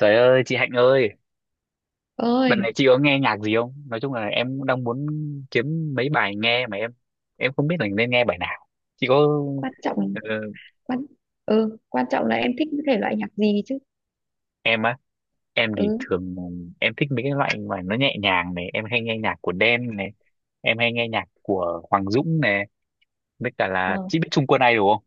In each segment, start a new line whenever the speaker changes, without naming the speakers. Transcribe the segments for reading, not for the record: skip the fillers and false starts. Trời ơi, chị Hạnh ơi, đợt này
Ơi.
chị có nghe nhạc gì không? Nói chung là em đang muốn kiếm mấy bài nghe mà em không biết là nên nghe bài nào. Chị có
quan trọng
ờ,
quan Quan trọng là em thích cái thể loại nhạc gì chứ.
em á, em thì
Ừ,
thường em thích mấy cái loại mà nó nhẹ nhàng này, em hay nghe nhạc của Đen này, em hay nghe nhạc của Hoàng Dũng này, với cả là
ờ
chị biết Trung Quân Ai đúng không?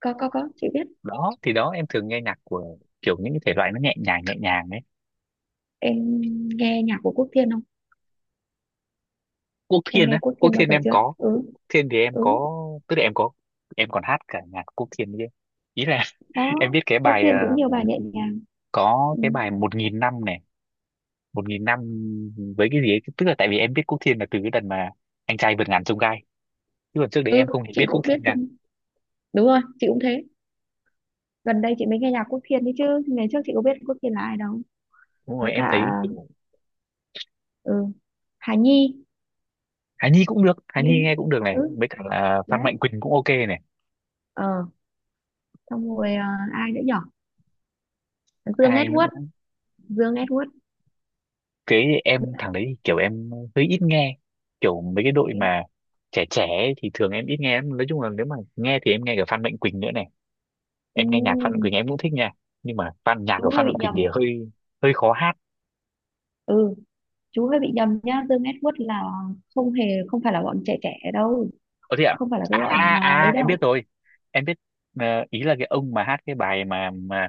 có, chị biết.
Đó, thì đó em thường nghe nhạc của kiểu những cái thể loại nó nhẹ nhàng đấy.
Em nghe nhạc của Quốc Thiên không?
Quốc
Em
Thiên
nghe
á,
Quốc
Quốc
Thiên bao
Thiên
giờ
em
chưa?
có,
Ừ.
Quốc Thiên thì em
Ừ.
có, tức là em có, em còn hát cả nhạc Quốc Thiên chứ. Ý là em
Đó,
biết cái
Quốc
bài
Thiên cũng nhiều bài nhẹ nhàng.
có
Ừ,
cái bài một nghìn năm này, một nghìn năm với cái gì ấy, tức là tại vì em biết Quốc Thiên là từ cái đợt mà anh trai vượt ngàn chông gai, chứ còn trước đấy
ừ,
em không hề
chị
biết Quốc
cũng biết
Thiên nè.
thêm. Đúng rồi, chị cũng thế. Gần đây chị mới nghe nhạc Quốc Thiên đấy chứ ngày trước chị có biết Quốc Thiên là ai đâu.
Đúng
Với
rồi, em
cả,
thấy kiểu
ừ, Hà Nhi.
Hà Nhi cũng được, Hà Nhi
Minh.
nghe cũng được này,
Ừ.
với cả là Phan
Đấy.
Mạnh Quỳnh cũng ok này.
ờ Xong rồi, ai nữa nhở? Dương
Ai nữa,
Edward. Dương Edward,
cái
biết
em
không?
thằng đấy thì kiểu em hơi ít nghe, kiểu mấy cái đội
Thế.
mà trẻ trẻ ấy thì thường em ít nghe lắm. Nói chung là nếu mà nghe thì em nghe cả Phan Mạnh Quỳnh nữa này, em nghe nhạc Phan Mạnh
Ừ,
Quỳnh em cũng thích nha, nhưng mà nhạc của
chú hơi
Phan
bị
Mạnh Quỳnh thì
nhầm.
hơi hơi khó hát.
Ừ, chú hơi bị nhầm nhá. Dương Edward là không hề, không phải là bọn trẻ trẻ đâu,
Ờ thế ạ?
không phải là cái
À?
bọn,
à
à, ấy
à em biết
đâu.
rồi. Em biết, ý là cái ông mà hát cái bài mà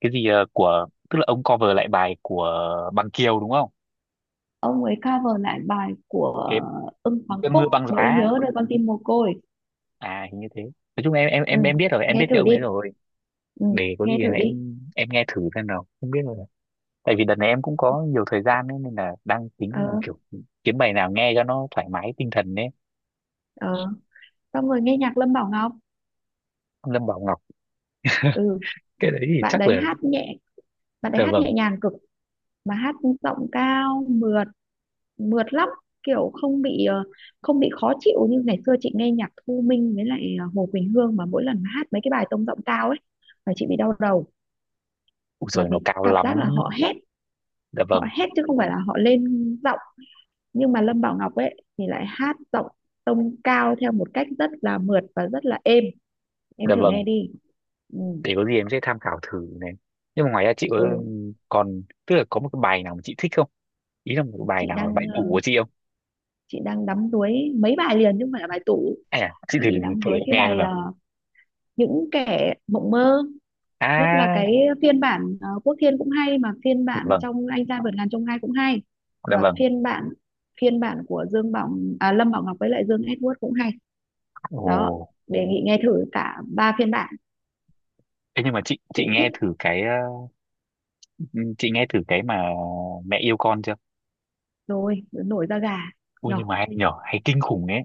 cái gì, ờ, của tức là ông cover lại bài của Bằng Kiều đúng không?
Ông ấy cover lại bài của
Cái
Ưng Hoàng
Cơn
Phúc,
mưa băng
nỗi
giá.
nhớ nơi con tim mồ côi.
À hình như thế. Nói chung em em
Ừ,
em em biết rồi, em biết
nghe
cái
thử
ông
đi.
ấy rồi.
Ừ,
Để có
nghe
gì là
thử đi.
em nghe thử xem nào. Không biết rồi. Tại vì đợt này em cũng có nhiều thời gian ấy, nên là đang
ờ,
tính kiểu kiếm bài nào nghe cho nó thoải mái tinh thần đấy.
ờ. Xong rồi nghe nhạc Lâm Bảo Ngọc.
Lâm Bảo Ngọc,
Ừ,
cái đấy thì
bạn
chắc
đấy
là,
hát nhẹ bạn đấy
dạ
hát nhẹ
vâng.
nhàng cực, mà hát giọng cao, mượt mượt lắm. Kiểu không bị khó chịu như ngày xưa chị nghe nhạc Thu Minh với lại, Hồ Quỳnh Hương, mà mỗi lần hát mấy cái bài tông giọng cao ấy là chị bị đau đầu.
Ui
Là
rồi
vì
nó cao
cảm
lắm.
giác là họ hét,
Dạ
họ
vâng.
hét chứ không phải là họ lên giọng. Nhưng mà Lâm Bảo Ngọc ấy thì lại hát giọng tông cao theo một cách rất là mượt và rất là êm. Em
Dạ
thử
vâng.
nghe đi. Ừ,
Để có gì em sẽ tham khảo thử này. Nhưng mà ngoài ra chị có
ừ.
còn tức là có một cái bài nào mà chị thích không, ý là một cái bài
Chị
nào là bài
đang
tủ của chị không?
đắm đuối mấy bài liền chứ không phải là bài tủ.
À chị thử thử
Chị
em nghe
đắm đuối cái
xem
bài,
nào.
những kẻ mộng mơ. Nhất là
À
cái phiên bản, Quốc Thiên cũng hay, mà phiên
dạ
bản
vâng,
trong Anh Trai Vượt Ngàn Chông Gai cũng hay,
dạ
và
vâng.
phiên bản của Dương Bảo, à, Lâm Bảo Ngọc với lại Dương Edward cũng hay.
Ồ,
Đó. Đề nghị nghe thử cả ba phiên bản.
thế nhưng mà chị
Chị
chị nghe
thích
thử cái, chị nghe thử cái mà mẹ yêu con chưa.
rồi, nổi da gà.
Ui
Nhở?
nhưng mà hay nhở, hay kinh khủng ấy.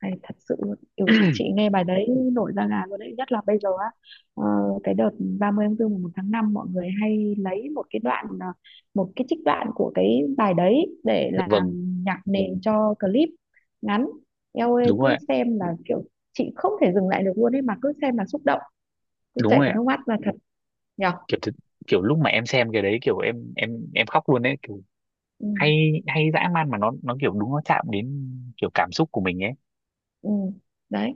Hay thật sự luôn, kiểu chị nghe bài đấy nổi da gà luôn đấy, nhất là bây giờ á, ờ, cái đợt 30 tháng 4 mùng 1 tháng 5 mọi người hay lấy một cái đoạn, à, một cái trích đoạn của cái bài đấy để
Dạ vâng.
làm nhạc nền cho clip ngắn. Eo ơi,
Đúng rồi
cứ
ạ.
xem là kiểu chị không thể dừng lại được luôn ấy, mà cứ xem là xúc động, cứ
Đúng
chảy
rồi
cả
ạ.
nước mắt là thật. Nhở.
Kiểu kiểu lúc mà em xem cái đấy kiểu em khóc luôn đấy, kiểu
Ừ,
hay hay dã man mà nó kiểu đúng, nó chạm đến kiểu cảm xúc của mình ấy.
ừ. Đấy.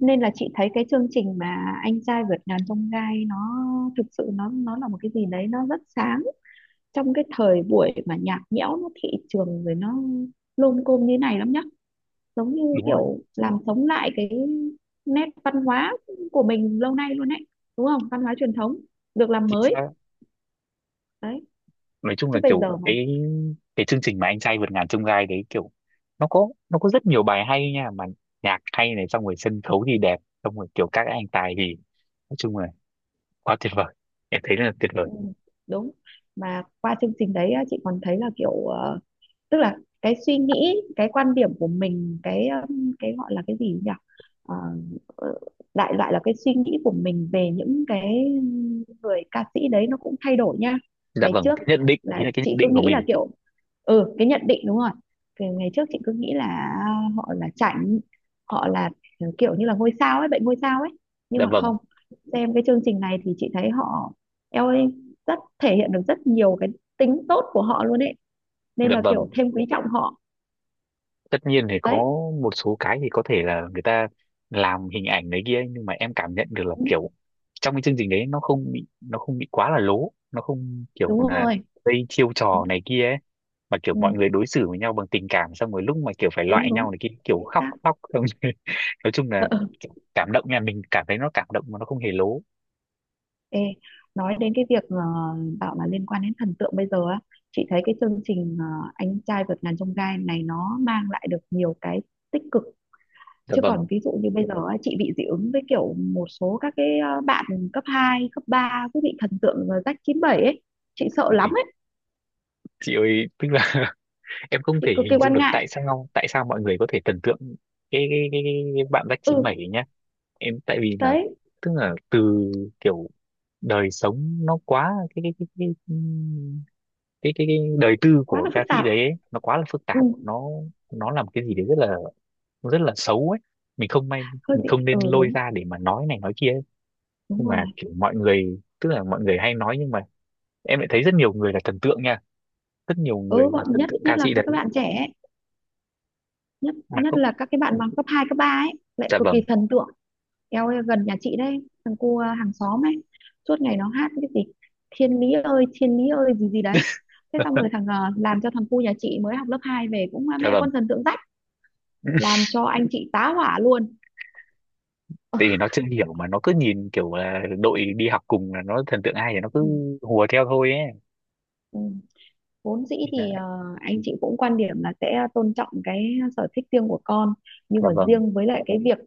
Nên là chị thấy cái chương trình mà Anh Trai Vượt Ngàn Chông Gai nó thực sự nó là một cái gì đấy, nó rất sáng trong cái thời buổi mà nhạt nhẽo, nó thị trường rồi nó lôm côm như này lắm nhá. Giống như
Đúng rồi.
kiểu làm sống lại cái nét văn hóa của mình lâu nay luôn ấy, đúng không? Văn hóa truyền thống được làm
Chính
mới.
xác.
Đấy,
Nói chung
chứ
là
bây
kiểu
giờ mà.
cái chương trình mà anh trai vượt ngàn chông gai đấy, kiểu nó có rất nhiều bài hay nha, mà nhạc hay này, xong rồi sân khấu thì đẹp, xong rồi kiểu các anh tài thì, nói chung là quá tuyệt vời, em thấy là tuyệt vời.
Ừ, đúng. Mà qua chương trình đấy á, chị còn thấy là kiểu, tức là cái suy nghĩ cái quan điểm của mình, cái gọi là cái gì nhỉ? Ờ, ờ, Đại loại là cái suy nghĩ của mình về những cái người ca sĩ đấy nó cũng thay đổi nha.
Dạ
Ngày
vâng,
trước
cái nhận định, ý
là
là cái nhận
chị cứ
định của
nghĩ là
mình.
kiểu, ừ, cái nhận định, đúng rồi. Cái ngày trước chị cứ nghĩ là họ là chảnh, họ là, ừ, kiểu như là ngôi sao ấy, bệnh ngôi sao ấy. Nhưng
Dạ
mà
vâng.
không, xem cái chương trình này thì chị thấy họ, eo ơi, rất thể hiện được rất nhiều cái tính tốt của họ luôn ấy, nên
Dạ
là kiểu
vâng.
thêm quý trọng họ.
Tất nhiên thì có
Đấy.
một số cái thì có thể là người ta làm hình ảnh đấy kia, nhưng mà em cảm nhận được là
Ừ,
kiểu trong cái chương trình đấy nó không bị, nó không bị quá là lố, nó không kiểu
đúng
là
rồi.
gây chiêu trò
Đúng.
này kia ấy, mà kiểu mọi
Ừ,
người đối xử với nhau bằng tình cảm, xong rồi lúc mà kiểu phải
đúng,
loại
đúng.
nhau này, cái kiểu
Chính
khóc
xác.
khóc xong rồi nói chung là kiểu cảm động nha, mình cảm thấy nó cảm động mà nó không hề lố.
Ê, nói đến cái việc, bảo là liên quan đến thần tượng bây giờ á, chị thấy cái chương trình, Anh Trai Vượt Ngàn Chông Gai này nó mang lại được nhiều cái tích cực.
Dạ
Chứ
vâng.
còn ví dụ như bây giờ á, chị bị dị ứng với kiểu một số các cái, bạn cấp 2 cấp 3 cứ bị thần tượng, rách 97 ấy. Chị sợ lắm
Ui,
ấy.
chị ơi tức là em không
Chị
thể
cực kỳ
hình dung
quan
được
ngại.
tại sao, tại sao mọi người có thể thần tượng cái bạn Jack
Ừ.
97 ấy nhá. Em tại vì là
Đấy.
tức là từ kiểu đời sống nó quá cái cái đời tư
Quá
của
là phức
ca sĩ
tạp.
đấy ấy, nó quá là phức
Ừ,
tạp, nó làm cái gì đấy rất là xấu ấy. Mình không may,
hơi
mình
bị.
không nên
Ừ,
lôi
đúng.
ra để mà nói này nói kia ấy.
Đúng
Nhưng mà
rồi.
kiểu mọi người tức là mọi người hay nói, nhưng mà em lại thấy rất nhiều người là thần tượng nha, rất nhiều người
Ừ,
là
bọn,
thần
nhất
tượng
nhất
ca
là
sĩ
các
đấy
các bạn trẻ ấy. Nhất
mà
nhất
không.
là các cái bạn bằng cấp 2 cấp 3 ấy lại
Dạ
cực kỳ
vâng.
thần tượng. Eo ơi, gần nhà chị đấy, thằng cu, à, hàng xóm ấy, suốt ngày nó hát cái gì thiên lý ơi gì gì đấy. Thế xong rồi thằng, à, làm cho thằng cu nhà chị mới học lớp 2 về cũng, à,
Dạ
mẹ
vâng.
con thần tượng rách, làm cho anh chị tá hỏa luôn.
Tại vì nó chưa hiểu mà nó cứ nhìn kiểu là đội đi học cùng là nó thần tượng ai thì nó
Ừ,
cứ hùa theo thôi ấy.
ừ. Vốn dĩ
Nên
thì,
là,
anh chị cũng quan điểm là sẽ tôn trọng cái sở thích riêng của con, nhưng
dạ
mà
vâng.
riêng với lại cái việc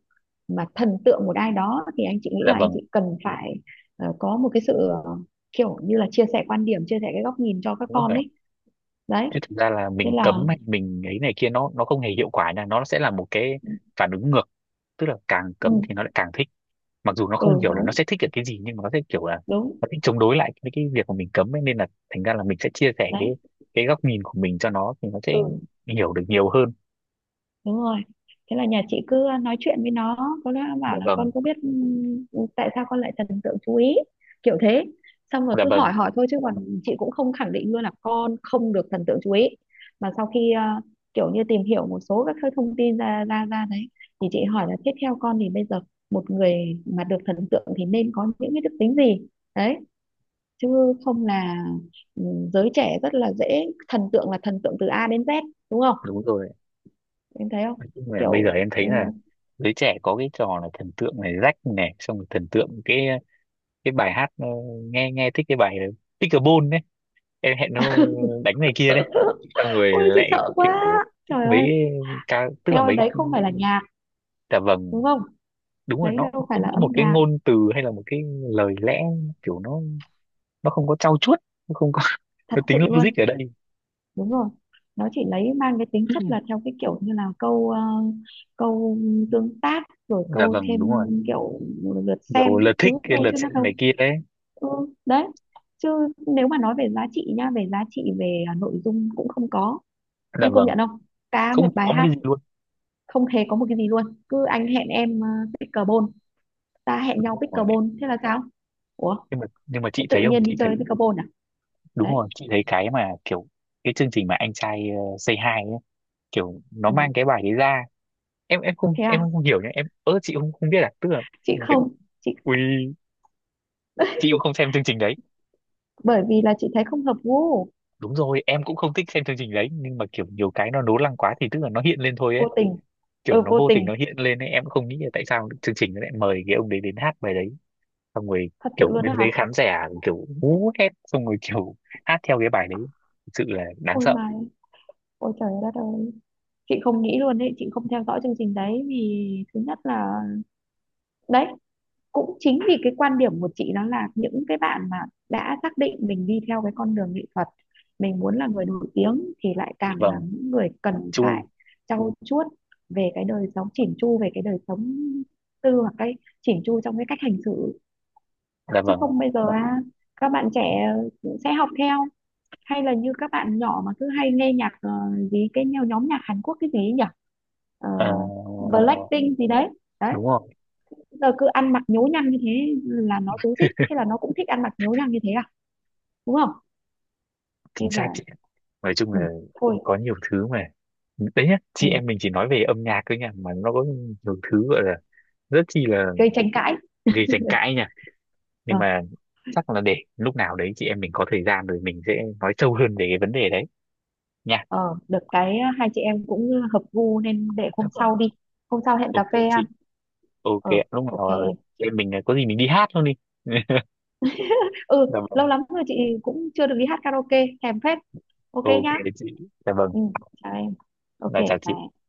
mà thần tượng một ai đó thì anh chị nghĩ
Dạ
là anh
vâng.
chị cần phải, có một cái sự, ờ, kiểu như là chia sẻ quan điểm, chia sẻ cái góc nhìn cho các
Đúng
con
rồi,
ấy. Đấy.
chứ thực ra là
Thế
mình
là.
cấm hay mình ấy này kia nó không hề hiệu quả nha, nó sẽ là một cái
Ừ.
phản ứng ngược, tức là càng cấm thì
Ừ,
nó lại càng thích, mặc dù nó không
ừ,
hiểu là nó
đúng,
sẽ thích được cái gì nhưng mà nó sẽ kiểu là
đúng.
nó thích chống đối lại với cái việc mà mình cấm ấy, nên là thành ra là mình sẽ chia sẻ cái
Đấy.
góc nhìn của mình cho nó thì nó sẽ
Ừ,
hiểu được nhiều hơn.
đúng rồi. Thế là nhà chị cứ nói chuyện với nó. Có lẽ nó
Dạ
bảo là
vâng.
con có biết, tại sao con lại thần tượng chú ý, kiểu thế. Xong rồi
Dạ
cứ
vâng.
hỏi hỏi thôi, chứ còn chị cũng không khẳng định luôn là con không được thần tượng chú ý, mà sau khi, kiểu như tìm hiểu một số các cái thông tin ra ra ra đấy, thì chị hỏi là tiếp theo con thì bây giờ một người mà được thần tượng thì nên có những cái đức tính gì. Đấy, chứ không là, giới trẻ rất là dễ thần tượng, là thần tượng từ A đến Z. Đúng không,
Đúng rồi.
em thấy không?
Nói chung là bây giờ
Kiểu.
em
Ừ.
thấy là giới trẻ có cái trò là thần tượng này, rách này, xong rồi thần tượng cái bài hát, nghe, thích cái bài, Pickleball đấy, em hẹn nó đánh này kia đấy, xong rồi
Ôi chị
lại
sợ quá,
kiểu thích
trời ơi.
mấy ca, tức là
Em ơi,
mấy.
đấy không phải là nhạc,
Dạ vâng.
đúng không?
Đúng rồi,
Đấy
nó
đâu phải
không
là
có một
âm
cái
nhạc.
ngôn từ hay là một cái lời lẽ, kiểu nó không có trau chuốt, nó không có
Thật
nó tính
sự
logic
luôn.
ở đây.
Đúng rồi. Nó chỉ lấy mang cái tính chất là theo cái kiểu như là câu, câu tương tác, rồi
Dạ
câu
vâng. Đúng
thêm
rồi,
kiểu lượt
nhiều
xem
lượt
các thứ
thích, cái
thôi,
lượt
chứ nó
xem này
đâu.
kia đấy.
Ừ. Đấy, chứ nếu mà nói về giá trị nha, về giá trị, về, nội dung cũng không có.
Dạ
Em công
vâng,
nhận không? Cả một
không
bài
có một cái
hát
gì luôn.
không hề có một cái gì luôn. Cứ anh hẹn em, pickleball, ta hẹn nhau
Đúng rồi,
pickleball, thế là sao? Ủa,
nhưng mà
thế
chị
tự
thấy không,
nhiên
chị
đi
thấy,
chơi pickleball à?
đúng
Đấy.
rồi, chị thấy cái mà kiểu cái chương trình mà anh trai Say Hi ấy, kiểu nó mang
Ừ.
cái bài đấy ra, em em không
Thế
em
à?
không hiểu nhá, em ớ chị không không biết à, tức là
Chị
người-
không chị
ui chị cũng không xem chương trình đấy.
Bởi vì là chị thấy không hợp gu.
Đúng rồi em cũng không thích xem chương trình đấy, nhưng mà kiểu nhiều cái nó nố lăng quá thì tức là nó hiện lên thôi ấy,
Vô tình.
kiểu
Ừ,
nó
vô
vô tình
tình.
nó hiện lên ấy. Em cũng không nghĩ là tại sao chương trình nó lại mời cái ông đấy đến hát bài đấy, xong rồi
Thật sự
kiểu
luôn
bên
đấy hả?
dưới khán giả kiểu hú hét, xong rồi kiểu hát theo cái bài đấy, thực sự là đáng
Ôi
sợ.
mà, ôi trời đất ơi, chị không nghĩ luôn đấy. Chị không theo dõi chương trình đấy, vì thứ nhất là, đấy, cũng chính vì cái quan điểm của chị, đó là những cái bạn mà đã xác định mình đi theo cái con đường nghệ thuật, mình muốn là người nổi tiếng thì lại càng là
Vâng.
những người cần
Chu
phải trau chuốt về cái đời sống, chỉn chu về cái đời sống tư, hoặc cái chỉn chu trong cái cách hành xử.
là
Chứ
vâng.
không bây giờ, à, các bạn trẻ sẽ học theo, hay là như các bạn nhỏ mà cứ hay nghe nhạc, gì cái nhóm nhạc Hàn Quốc cái gì ấy nhỉ? Ờ,
Ờ,
Blackpink gì đấy. Đấy,
đúng rồi.
giờ cứ ăn mặc nhố nhăng như thế là nó rối rít, thế là nó cũng thích ăn mặc nhố nhăng như thế à, đúng không?
Chính
Nên
xác
là,
chị, nói chung
ừ,
là
thôi.
có nhiều thứ mà, đấy nhá,
Ừ,
chị em mình chỉ nói về âm nhạc thôi nha mà nó có nhiều thứ gọi là rất chi là
gây tranh cãi.
gây tranh cãi nha.
ờ,
Nhưng mà chắc là để lúc nào đấy chị em mình có thời gian rồi mình sẽ nói sâu hơn về cái vấn đề đấy nha.
ờ, Được cái hai chị em cũng hợp gu, nên để hôm
Vâng.
sau đi. Hôm sau hẹn cà
Ok
phê
chị.
ăn.
Ok
Ờ,
ạ. Lúc
ok
nào
em.
chị em mình có gì mình đi hát luôn đi.
Ừ,
Dạ vâng.
lâu lắm rồi chị cũng chưa được đi hát karaoke, thèm phết. Ok
Ok
nhá.
chị. Dạ vâng.
Ừ, chào em. Ok
Là chào
bye
chị.
em.